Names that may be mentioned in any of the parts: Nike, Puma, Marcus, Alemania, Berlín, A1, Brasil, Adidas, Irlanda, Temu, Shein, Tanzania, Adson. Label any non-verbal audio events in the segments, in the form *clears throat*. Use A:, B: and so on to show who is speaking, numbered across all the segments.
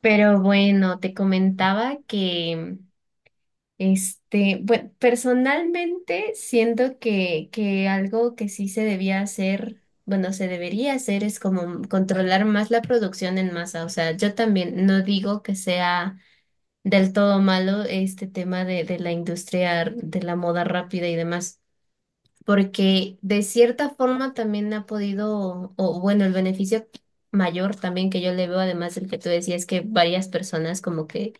A: Pero bueno, te comentaba que, bueno, personalmente siento que, algo que sí se debía hacer, bueno, se debería hacer es como controlar más la producción en masa. O sea, yo también no digo que sea del todo malo este tema de, la industria de la moda rápida y demás, porque de cierta forma también ha podido, o bueno, el beneficio mayor también que yo le veo, además del que tú decías, que varias personas como que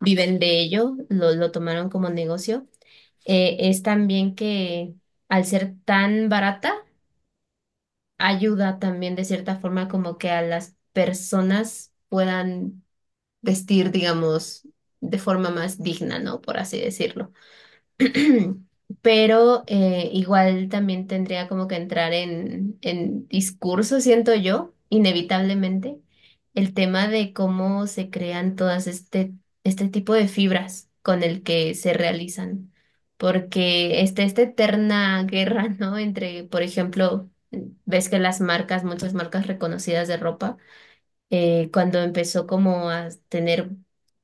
A: viven de ello, lo tomaron como negocio. Es también que, al ser tan barata, ayuda también de cierta forma como que a las personas puedan vestir, digamos, de forma más digna, ¿no? Por así decirlo. *clears throat* Pero igual también tendría como que entrar en, discurso, siento yo, inevitablemente, el tema de cómo se crean todas este tipo de fibras con el que se realizan. Porque está esta eterna guerra, ¿no? Entre, por ejemplo, ves que las marcas, muchas marcas reconocidas de ropa, cuando empezó como a tener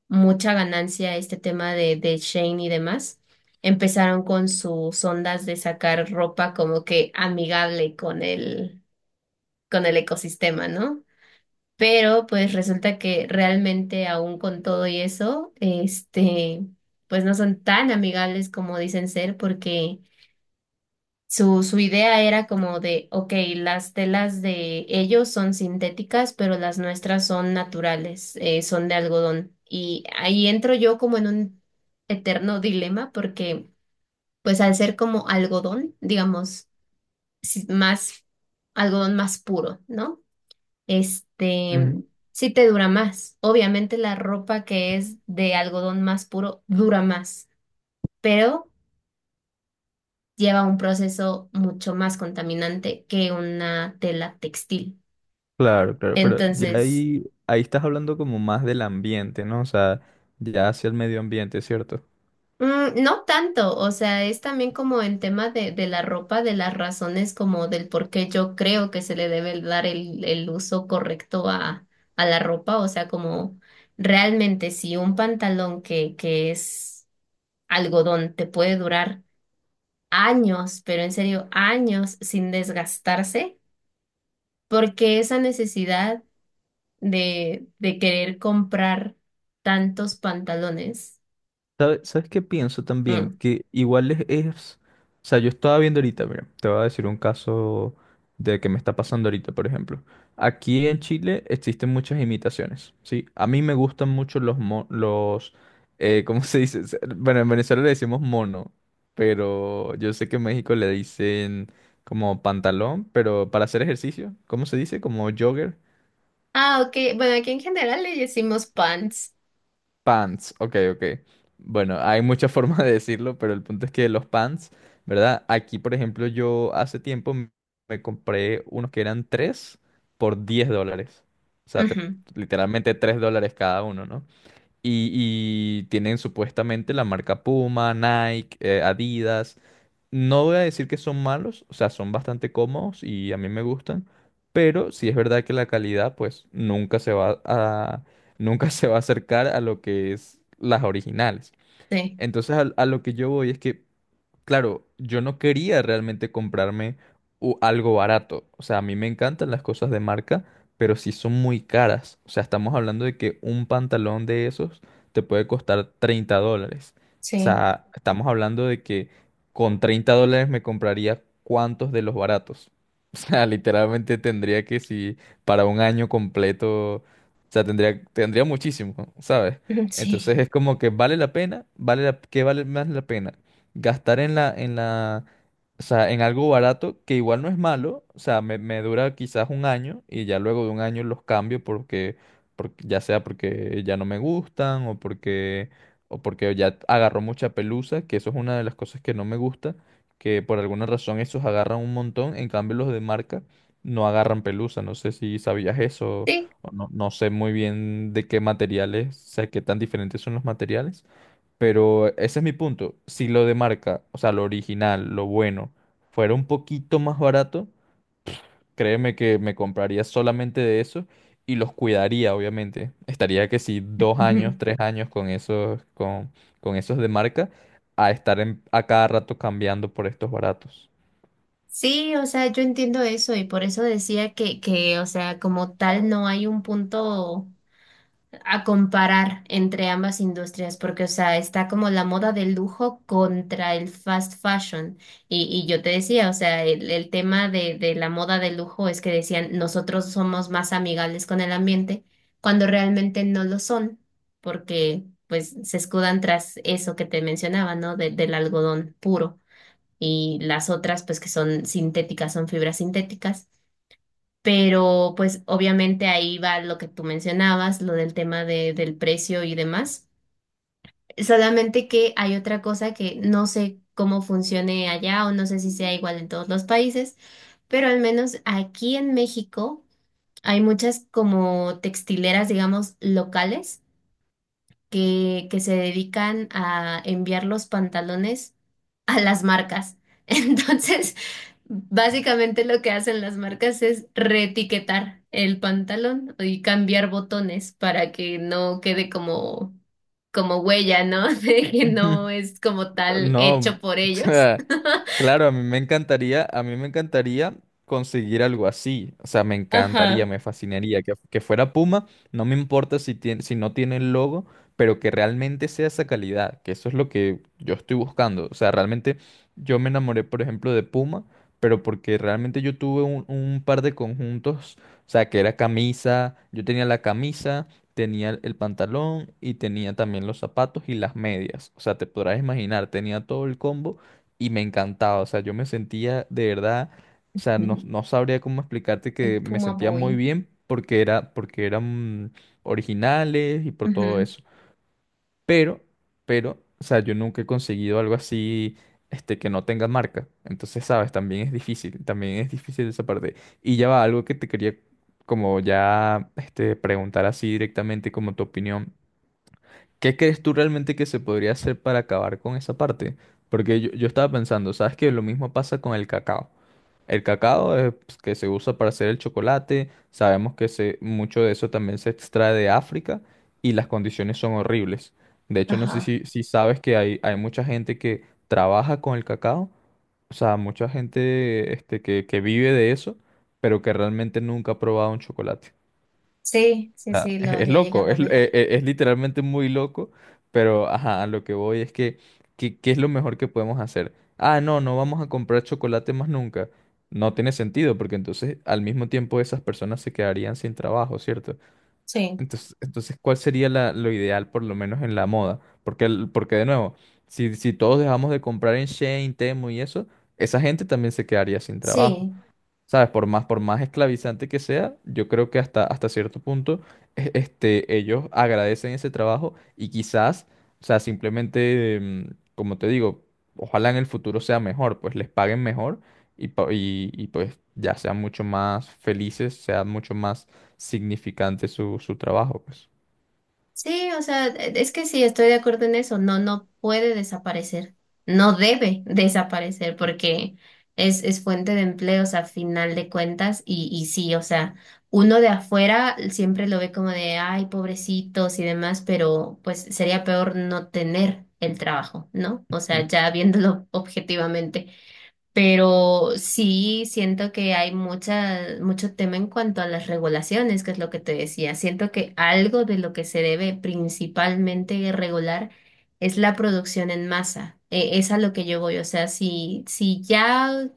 A: mucha ganancia este tema de, Shane y demás, empezaron con sus ondas de sacar ropa como que amigable con el ecosistema, ¿no? Pero pues resulta que realmente aún con todo y eso, pues no son tan amigables como dicen ser, porque su idea era como de, ok, las telas de ellos son sintéticas, pero las nuestras son naturales, son de algodón. Y ahí entro yo como en un eterno dilema porque, pues al ser como algodón, digamos, si- más, algodón más puro, ¿no? Este,
B: Ujú.
A: sí te dura más. Obviamente la ropa que es de algodón más puro dura más, pero lleva un proceso mucho más contaminante que una tela textil.
B: Claro, claro, pero ya
A: Entonces,
B: ahí, ahí estás hablando como más del ambiente, ¿no? O sea, ya hacia el medio ambiente, ¿cierto?
A: no tanto, o sea, es también como en tema de, la ropa, de las razones como del por qué yo creo que se le debe dar el uso correcto a la ropa, o sea, como realmente si un pantalón que, es algodón te puede durar años, pero en serio, años sin desgastarse, porque esa necesidad de, querer comprar tantos pantalones.
B: ¿Sabes qué pienso también?
A: Mm.
B: Que igual es- O sea, yo estaba viendo ahorita, mira, te voy a decir un caso de que me está pasando ahorita, por ejemplo. Aquí en Chile existen muchas imitaciones, ¿sí? A mí me gustan mucho los ¿cómo *laughs* se dice? Bueno, en Venezuela le decimos mono, pero yo sé que en México le dicen como pantalón, pero para hacer ejercicio, ¿cómo se dice? Como jogger.
A: Ah, ok. Bueno, aquí en general le decimos pants.
B: Pants, ok, ok. Bueno, hay muchas *laughs* formas de decirlo, pero el punto es que los pants, ¿verdad? Aquí, por ejemplo, yo hace tiempo me compré unos que eran tres por $10. O sea,
A: Ujú,
B: literalmente $3 cada uno, ¿no? Y, y tienen supuestamente la marca Puma, Nike, Adidas. No voy a decir que son malos, o sea, son bastante cómodos y a mí me gustan, pero sí es verdad que la calidad pues nunca *laughs* se va a acercar a lo que es las originales.
A: sí,
B: Entonces a lo que yo voy es que claro, yo no quería realmente comprarme algo barato. O sea, a mí me encantan las cosas de marca, pero sí son muy caras. O sea, estamos hablando de que un pantalón de esos te puede costar $30. O
A: sí,
B: sea, estamos hablando de que con $30 me compraría cuántos de los baratos. *laughs* O sea, literalmente tendría que si para un año completo, o sea, tendría muchísimo, ¿sabes?
A: ujú,
B: Entonces
A: sí,
B: es como que vale la pena, ¿qué vale más la pena? Gastar o sea, en algo barato que igual no es malo, o sea, me dura quizás un año y ya luego de un año los cambio porque ya sea porque ya no me gustan o porque ya agarró mucha pelusa, que eso es una de las cosas que no me gusta, que por alguna razón esos agarran un montón, en cambio los de marca no agarran pelusa, no sé si sabías eso
A: sí,
B: o no, no sé muy bien de qué materiales, o sea, qué tan diferentes son los materiales. Pero ese es mi punto. Si lo de marca, o sea, lo original, lo bueno, fuera un poquito más barato, créeme que me compraría solamente de eso y los cuidaría, obviamente. Estaría que si 2 años,
A: ujú.
B: 3 años con esos de marca, a a cada rato cambiando por estos baratos.
A: Sí, o sea, yo entiendo eso y por eso decía que, o sea, como tal no hay un punto a comparar entre ambas industrias, porque, o sea, está como la moda del lujo contra el fast fashion. Y yo te decía, o sea, el tema de, la moda del lujo es que decían, nosotros somos más amigables con el ambiente, cuando realmente no lo son, porque pues se escudan tras eso que te mencionaba, ¿no? De- del algodón puro. Y las otras, pues que son sintéticas, son fibras sintéticas. Pero pues obviamente ahí va lo que tú mencionabas, lo del tema de, del precio y demás. Solamente que hay otra cosa que no sé cómo funcione allá, o no sé si sea igual en todos los países, pero al menos aquí en México hay muchas como textileras, digamos, locales que, se dedican a enviar los pantalones a las marcas. *laughs* Entonces, básicamente lo que hacen las marcas es reetiquetar el pantalón y cambiar botones para que no quede como, como huella, ¿no? *laughs* De que no
B: *laughs*
A: es como tal
B: No,
A: hecho por
B: *laughs* o
A: ellos.
B: sea, claro, a mí me encantaría conseguir algo así. O sea, me encantaría,
A: Ajá.
B: me fascinaría que fuera Puma. No me importa si tiene, si no tiene el logo, pero que realmente sea esa calidad, que eso es lo que yo estoy buscando. O sea, realmente yo me enamoré, por ejemplo, de Puma, pero porque realmente yo tuve un par de conjuntos, o sea, que era camisa, yo tenía la camisa tenía el pantalón y tenía también los zapatos y las medias. O sea, te podrás imaginar, tenía todo el combo y me encantaba. O sea, yo me sentía de verdad, o sea,
A: Ujú.
B: no sabría cómo explicarte
A: El
B: que me
A: Puma
B: sentía muy
A: Boy.
B: bien porque era, porque eran originales y por todo
A: Ujú.
B: eso. Pero, pero, o sea, yo nunca he conseguido algo así, que no tenga marca. Entonces, sabes, también es difícil esa parte. Y ya va, algo que te quería como ya, preguntar así directamente como tu opinión. ¿Qué crees tú realmente que se podría hacer para acabar con esa parte? Porque yo estaba pensando, ¿sabes que lo mismo pasa con el cacao? El cacao es, pues, que se usa para hacer el chocolate. Sabemos que mucho de eso también se extrae de África y las condiciones son horribles. De hecho, no sé
A: Ajá.
B: si sabes que hay mucha gente que trabaja con el cacao, o sea, mucha gente que vive de eso, pero que realmente nunca ha probado un chocolate.
A: Sí, sí,
B: Ah,
A: sí,
B: *laughs*
A: lo
B: es
A: había
B: loco,
A: llegado a ver.
B: es literalmente muy loco, pero ajá, a lo que voy es que, ¿qué es lo mejor que podemos hacer? Ah, no, no vamos a comprar chocolate más nunca. No tiene sentido, porque entonces al mismo tiempo esas personas se quedarían sin trabajo, ¿cierto?
A: Sí.
B: Entonces, entonces ¿cuál sería lo ideal, por lo menos en la moda? Porque, porque de nuevo, si, si todos dejamos de comprar en Shein, Temu y eso, esa gente también se quedaría sin trabajo.
A: Sí.
B: ¿Sabes? Por más esclavizante que sea, yo creo que hasta, hasta cierto punto ellos agradecen ese trabajo y quizás, o sea, simplemente, como te digo, ojalá en el futuro sea mejor, pues les paguen mejor y, pues ya sean mucho más felices, sea mucho más significante su, su trabajo, pues.
A: Sí, o sea, es que sí, estoy de acuerdo en eso. No, no puede desaparecer. No debe *laughs* desaparecer porque es fuente de empleos a final de cuentas. Y sí, o sea, uno de afuera siempre lo ve como de, ay, pobrecitos y demás, pero pues sería peor no tener el trabajo, ¿no? O sea, ya viéndolo *laughs* objetivamente. Pero sí siento que hay mucha, mucho tema en cuanto a las regulaciones, que es lo que te decía. Siento que algo de lo que se debe principalmente regular es la producción en masa. Es a lo que yo voy. O sea, si ya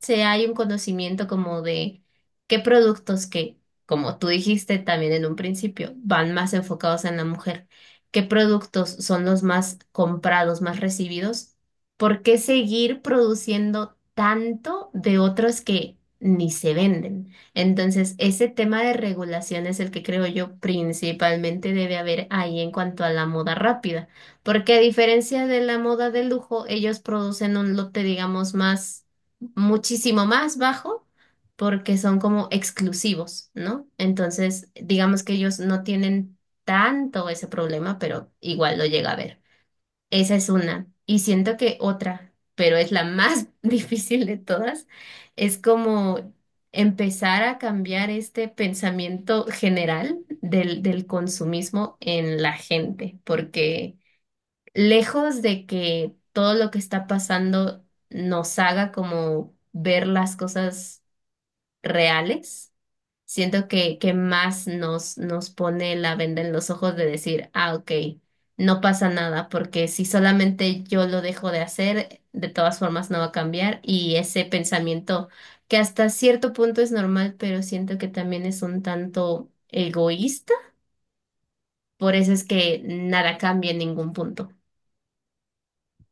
A: se hay un conocimiento como de qué productos que, como tú dijiste también en un principio, van más enfocados en la mujer, qué productos son los más comprados, más recibidos, ¿por qué seguir produciendo tanto de otros que ni se venden? Entonces, ese tema de regulación es el que creo yo principalmente debe haber ahí en cuanto a la moda rápida, porque a diferencia de la moda de lujo, ellos producen un lote, digamos, más muchísimo más bajo, porque son como exclusivos, ¿no? Entonces, digamos que ellos no tienen tanto ese problema, pero igual lo llega a ver. Esa es una. Y siento que otra, pero es la más *laughs* difícil de todas, es como empezar a cambiar este pensamiento general del, del consumismo en la gente, porque lejos de que todo lo que está pasando nos haga como ver las cosas reales, siento que, más nos, nos pone la venda en los ojos de decir, ah, ok, no pasa nada, porque si solamente yo lo dejo de hacer, de todas formas no va a cambiar. Y ese pensamiento, que hasta cierto punto es normal, pero siento que también es un tanto egoísta, por eso es que nada cambia en ningún punto.